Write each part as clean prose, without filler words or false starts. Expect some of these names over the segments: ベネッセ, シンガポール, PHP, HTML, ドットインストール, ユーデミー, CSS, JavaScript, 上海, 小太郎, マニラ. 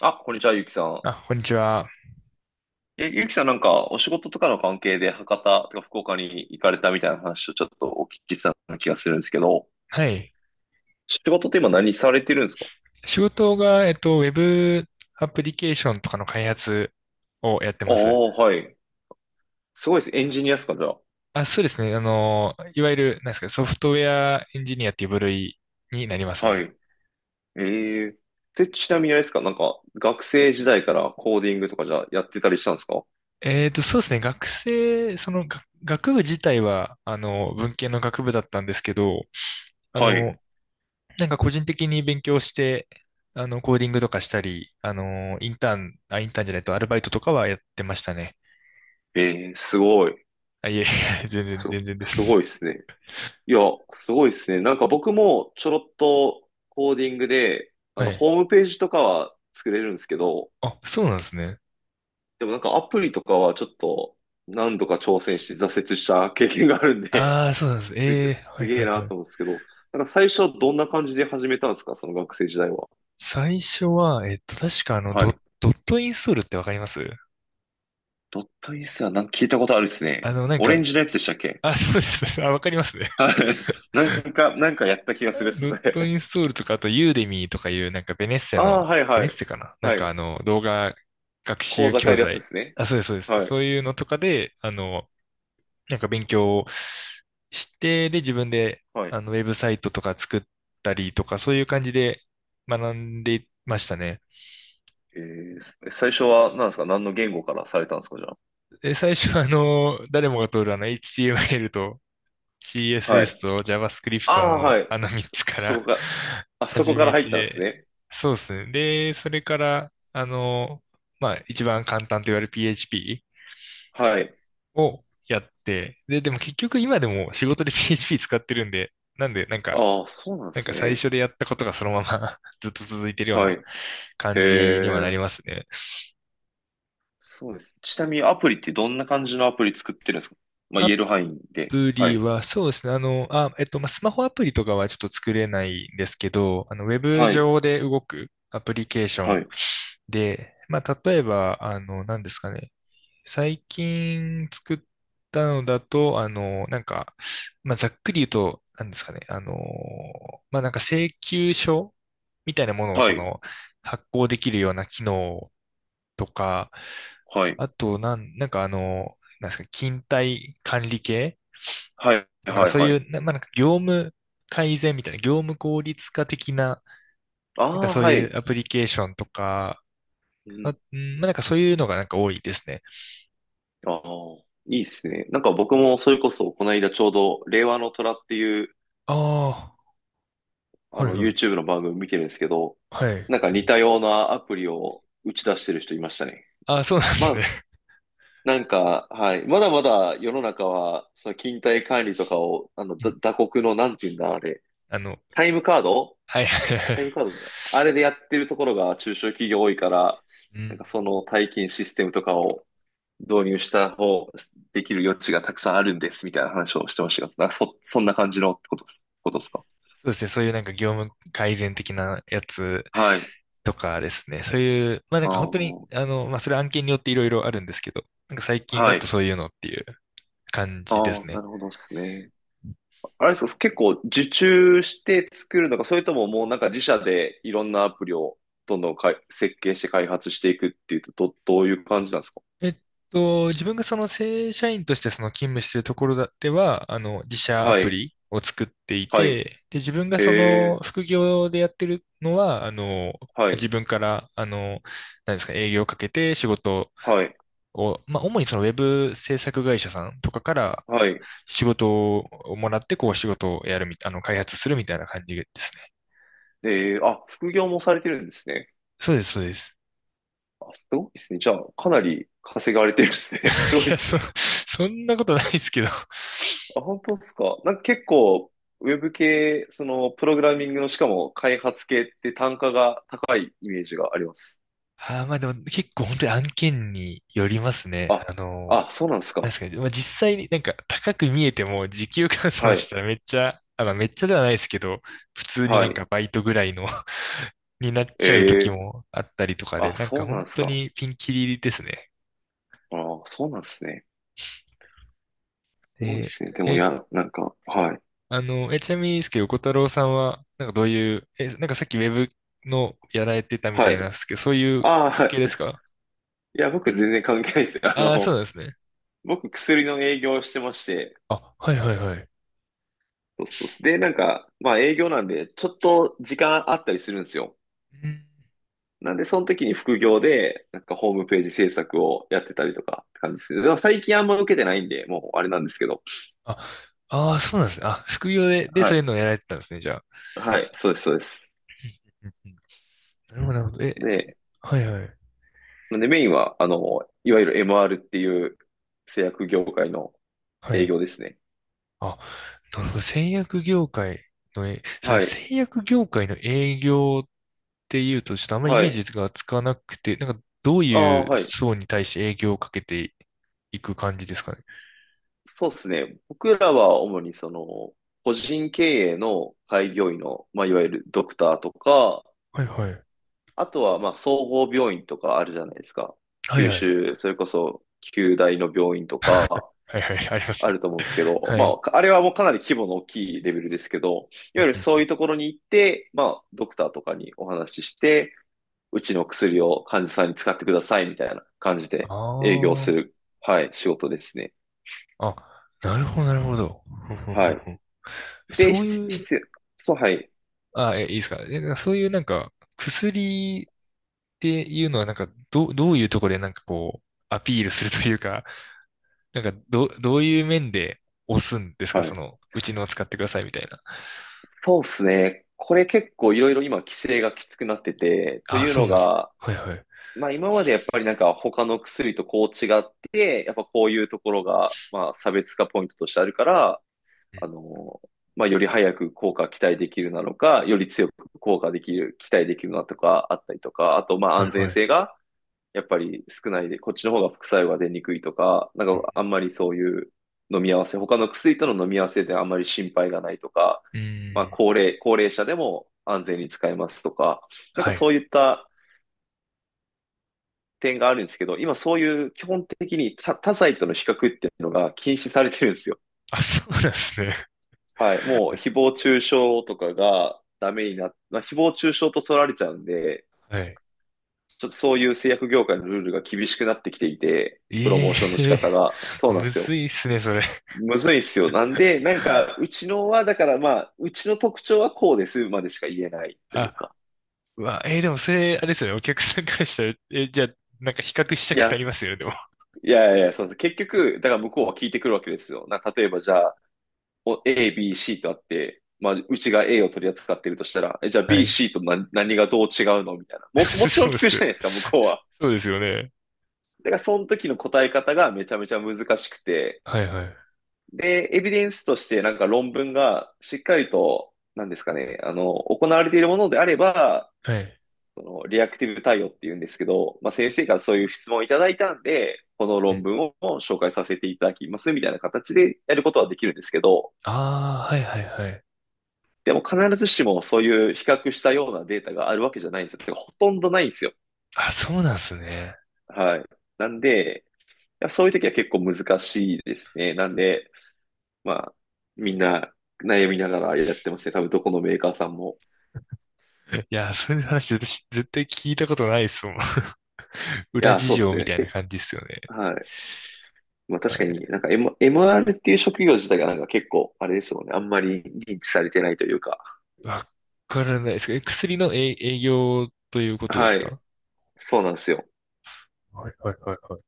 あ、こんにちは、ゆうきさん。あ、こんにちは。ゆうきさんお仕事とかの関係で博多とか福岡に行かれたみたいな話をちょっとお聞きしたような気がするんですけど、はい。仕事って今何されてるんですか？仕事が、ウェブアプリケーションとかの開発をやってあます。あ、はい。すごいです。エンジニアですか、じゃあ。あ、そうですね。いわゆる、なんですか、ソフトウェアエンジニアっていう部類になりますはね。い。ええで、ちなみにあれですか、学生時代からコーディングとかじゃあやってたりしたんですか？そうですね。学生、その、が学部自体は、文系の学部だったんですけど、あはの、い。なんか個人的に勉強して、コーディングとかしたり、インターン、あ、インターンじゃないと、アルバイトとかはやってましたね。えすごい。あ、いえ、全然、す、全然です。すごいですね。いや、すごいですね。なんか僕もちょろっとコーディングで、はい。ホームページとかは作れるんですけど、あ、そうなんですね。でもなんかアプリとかはちょっと何度か挑戦して挫折した経験があるんで、ああ、そうなんです。え え、はすいはげえいなはい。と思うんですけど、なんか最初どんな感じで始めたんですかその学生時代は。最初は、確かはい。ドットインストールってわかります？ドットインスはなんか聞いたことあるですあね。の、なんオレか、ンジのやつでしたっけ？あ、そうです。あ、わかりますね。はい。なんかやった気がするっ すドッね。トイン ストールとか、あと、ユーデミーとかいう、なんか、ベネッセああ、の、はいベはネッい。セかななんはか、い。動画学講習座変教えるやつで材。すね。あ、そうです、そうです。はい。そういうのとかで、なんか勉強をして、で、自分で、はい。ウェブサイトとか作ったりとか、そういう感じで学んでましたね。最初は何ですか？何の言語からされたんですかじゃで、最初は誰もが通るHTML と あ？は CSS い。と JavaScript ああ、はのい。3つかそこら か、あ、そこ始からめ入ったんですて、ね。そうですね。で、それから、まあ、一番簡単と言われる PHP はい。をやって、で、でも結局今でも仕事で PHP 使ってるんで、なんで、なんか、ああ、そうなんでなんすか最ね。初でやったことがそのまま ずっと続いてるようはい。なへ感じにはなえ。りますね。そうです。ちなみにアプリってどんな感じのアプリ作ってるんですか？まあ、言えある範囲で。プはリい。は、そうですね。まあ、スマホアプリとかはちょっと作れないんですけど、ウェブはい。上で動くアプリケーショはンい。で、まあ、例えば、何ですかね。最近作ったのだと、まあ、ざっくり言うと、何ですかね。まあ、なんか請求書みたいなものを、はい。発行できるような機能とか、はい。あと、なんかあの、なんですか、勤怠管理系、はい。なんかはい。そうはいい。う、まあ、なんか業務改善みたいな、業務効率化的な、なんかああ、そうはいい。うアプリケーションとか、うあ、ん。うん、まあ、なんかそういうのがなんか多いですね。ああ、いいですね。なんか僕もそれこそ、この間ちょうど、令和の虎っていう、ああ、あはいの、はい。YouTube の番組見てるんですけど、はい。なんか似たようなアプリを打ち出してる人いましたね。ああ、そうなんでますあ、ね。なんか、はい。まだまだ世の中は、その勤怠管理とかを、あの、うん、打刻の、なんて言うんだ、あれ。あの、タイムカード。はいはいはい。タイムカードだあれでやってるところが中小企業多いから、うなんん。かその退勤システムとかを導入した方、できる余地がたくさんあるんです、みたいな話をしてましたが、そんな感じのことですか？そうですね。そういうなんか業務改善的なやつはい。とかですね。そういう、まあなあんか本当に、あ、まあそれ案件によっていろいろあるんですけど、なんか最近はだとい。そういうのっていう感じであすあ、ね。なるほどですね。あれですか、結構受注して作るのか、それとももうなんか自社でいろんなアプリをどんどん設計して開発していくっていうと、どういう感じなんですか？えっ自分がその正社員としてその勤務しているところだでは、自社アはプい、リを作っていはい、て、で、自分がへそのえ、副業でやってるのは、は自い、分から、あの、何ですか、営業をかけて仕事はい、を、まあ、主にそのウェブ制作会社さんとかからはい。仕事をもらって、こう仕事をやるみ、あの、開発するみたいな感じですね。えあ、副業もされてるんですね。そうです、そうです。あ、すごいですね。じゃあ、かなり稼がれてるですね。すごい いでや、すね。そんなことないですけど。あ、本当ですか。なんか結構、ウェブ系、その、プログラミングの、しかも開発系って単価が高いイメージがあります。ああ、まあでも結構本当に案件によりますね。あ、あ、そうなんですなんでか。すかね。まあ実際になんか高く見えても時給換は算い。したらめっちゃ、あ、まあめっちゃではないですけど、普通にはなんい。かバイトぐらいの になっちゃうえ時えもあったりとかで、あ、なんかそうな本んです当か。にピンキリですね。ああ、そうなんですね。すごいでで、すね。でも、いえ、や、なんか、はい。あの、え、ちなみにですけど、小太郎さんは、なんかどういう、なんかさっきウェブのやられてたみたはいい。なんですけど、そういうああ、関は係ですい。か？いや、僕全然関係ないです。あああー、そうの、なんですね。僕薬の営業をしてまして、あ、はいはいはい。そうそうそう。で、なんか、まあ営業なんで、ちょっと時間あったりするんですよ。うん、なんで、その時に副業で、なんかホームページ制作をやってたりとかって感じですね。でも最近あんま受けてないんで、もうあれなんですけど。あ、ああ、そうなんですね。あ、副業で、で、はそい。ういうのをやられてたんですね、じゃあ。はい。そうです、そうです。うんうん、なるほど、なるほど。で、はいはい。なんでメインは、あの、いわゆる MR っていう製薬業界のは営い。業ですね。あ、なるほど。製薬業界の、そうではすい。ね、製薬業界の営業っていうと、ちょっとあんまりイはメーい。ジがつかなくて、なんかどうあいあ、うはい。層に対して営業をかけていく感じですかね？そうですね。僕らは主にその、個人経営の開業医の、まあ、いわゆるドクターとか、はいはい。あとは、まあ、総合病院とかあるじゃないですか。はい九はい。州、それこそ、九大の病院とか、はいはい、ありますあね。ると思うんですけど、はまい。あ、かあれはもうかなり規模の大きいレベルですけど、いうわんゆるうん。そういうところに行って、まあ、ドクターとかにお話しして、うちの薬を患者さんに使ってくださいみたいな感じで営業あする、はい、仕事ですね。あ、あ、なるほど、なるほど。ふんふんふはんい。ふん、で、そうしいう、必要、そう、はい、あ、いいですか？なんかそういうなんか、薬っていうのはなんか、どういうところでなんかこう、アピールするというか、なんか、どういう面で押すんですか、はい。うちのを使ってくださいみたいな。そうですね。これ結構いろいろ今規制がきつくなってて、とあ、いうそうのなんですね。が、はいはい。まあ今までやっぱりなんか他の薬とこう違って、やっぱこういうところが、まあ差別化ポイントとしてあるから、うん、あの、まあより早く効果期待できるなのか、より強く効果できる、期待できるなとかあったりとか、あとまあはい安はい。全う性が、やっぱり少ないで、こっちの方が副作用が出にくいとか、なんかあんまりそういう飲み合わせ、他の薬との飲み合わせであんまり心配がないとか、ーん。高齢者でも安全に使えますとか、なんはかそい。ういった点があるんですけど、今そういう基本的に他剤との比較っていうのが禁止されてるんですよ。あ、そうなんですね。はい。もう 誹謗中傷とかがダメになっ、まあ、誹謗中傷と取られちゃうんで、はい。ちょっとそういう製薬業界のルールが厳しくなってきていて、プロえモーションの仕えー、 方が。そうなんむですよ。ずいっすね、それ。むずいっすよ。なんで、なんか、うちのは、だからまあ、うちの特徴はこうですまでしか言えないというあ、か。うわ、でもそれ、あれですよね、お客さんからしたら、じゃあ、なんか比較したいくや、なりますよね、でも。いやいや、そう、結局、だから向こうは聞いてくるわけですよ。例えばじゃあ、A、B、C とあって、まあ、うちが A を取り扱ってるとしたら、え、じゃあ は B、い。C と何がどう違うのみたいな。もちろそんうで聞くじす。ゃないですか、向こうは。そうですよね。だから、その時の答え方がめちゃめちゃ難しくて、はいはい。で、エビデンスとしてなんか論文がしっかりと、なんですかね、あの、行われているものであれば、はい。そのリアクティブ対応っていうんですけど、まあ、先生からそういう質問をいただいたんで、このうん。論文を紹介させていただきますみたいな形でやることはできるんですけど、ああ、はいはいはい。でも必ずしもそういう比較したようなデータがあるわけじゃないんですよ。てかほとんどないんですよ。あ、そうなんすね。はい。なんで、そういう時は結構難しいですね。なんで、まあ、みんな悩みながらやってますね。多分どこのメーカーさんも。いや、それの話私絶対聞いたことないっすもん。い裏や、事そうで情すみね。たいな結感じっすよね。構、はい。まあは確かにい。なんか、ー r っていう職業自体がなんか結構、あれですもんね。あんまり認知されてないというか。わからないですか？薬の営営業ということではすい。か？そうなんですよ。はいはいはいはい。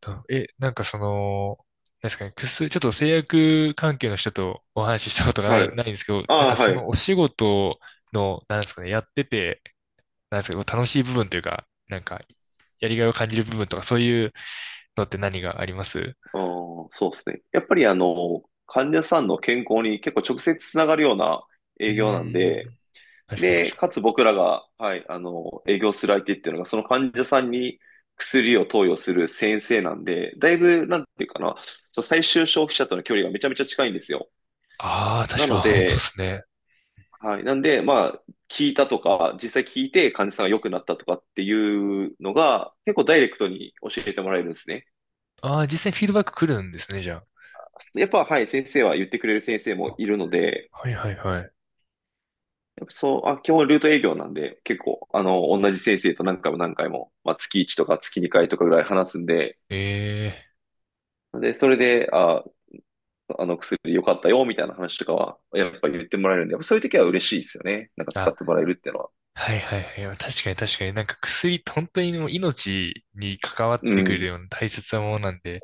とえ、なんかその、なんですかね、薬、ちょっと製薬関係の人とお話ししたことがはい。ないんですけど、あなんあ、かそはい。あのお仕事の、なんですかね、やってて、なんですか、楽しい部分というか、なんか、やりがいを感じる部分とか、そういうのって何がありますうあ、そうですね。やっぱりあの、患者さんの健康に結構直接つながるようなー営業なんで、ん？確かにで、確かかに。つ僕らが、はい、あの、営業する相手っていうのが、その患者さんに薬を投与する先生なんで、だいぶ、なんていうかな、そう最終消費者との距離がめちゃめちゃ近いんですよ。ああ、確なか、のあー、本当でで、すね。はい。なんで、まあ、聞いたとか、実際聞いて患者さんが良くなったとかっていうのが、結構ダイレクトに教えてもらえるんですね。ああ、実際にフィードバック来るんですね、じゃやっぱ、はい、先生は言ってくれる先生あ。もいるので、あ、はいはいはい。やっぱそう、あ、基本ルート営業なんで、結構、あの、同じ先生と何回も何回も、まあ、月月1とか月月2回とかぐらい話すんで、ええ、で、それで、あ、あの薬良かったよ、みたいな話とかは、やっぱ言ってもらえるんで、やっぱそういう時は嬉しいですよね。なんか使っあ、てもらえるっていうのは。はいはいはい。確かに確かに。なんか薬って本当にもう命に関わっうてくん。るような大切なものなんで、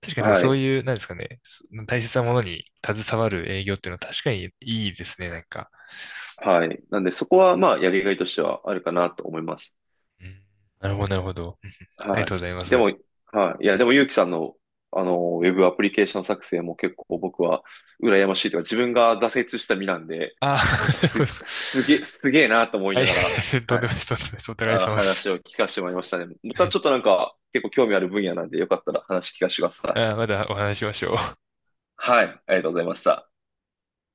確かになんかはそうい。いう、なんですかね、そ大切なものに携わる営業っていうのは確かにいいですね、なんか。はい。なんで、そこは、まあ、やりがいとしてはあるかなと思います。うん、なるほど、なるほど。うん、ありがはい。とうございまでも、す。はい。いや、でも、ゆうきさんの、あの、ウェブアプリケーション作成も結構僕は、羨ましいというか、自分が挫折した身なんで、あなんかあ、す、すげえなと思いはい、ながら、とんはでい。もないです、とんでもないです。お互いあ、様です。話を聞かせてもらいましたね。まはたい、ちょっとなんか、結構興味ある分野なんで、よかったら話聞かせてくださあー、い。まだお話ししましょう。はい。ありがとうございました。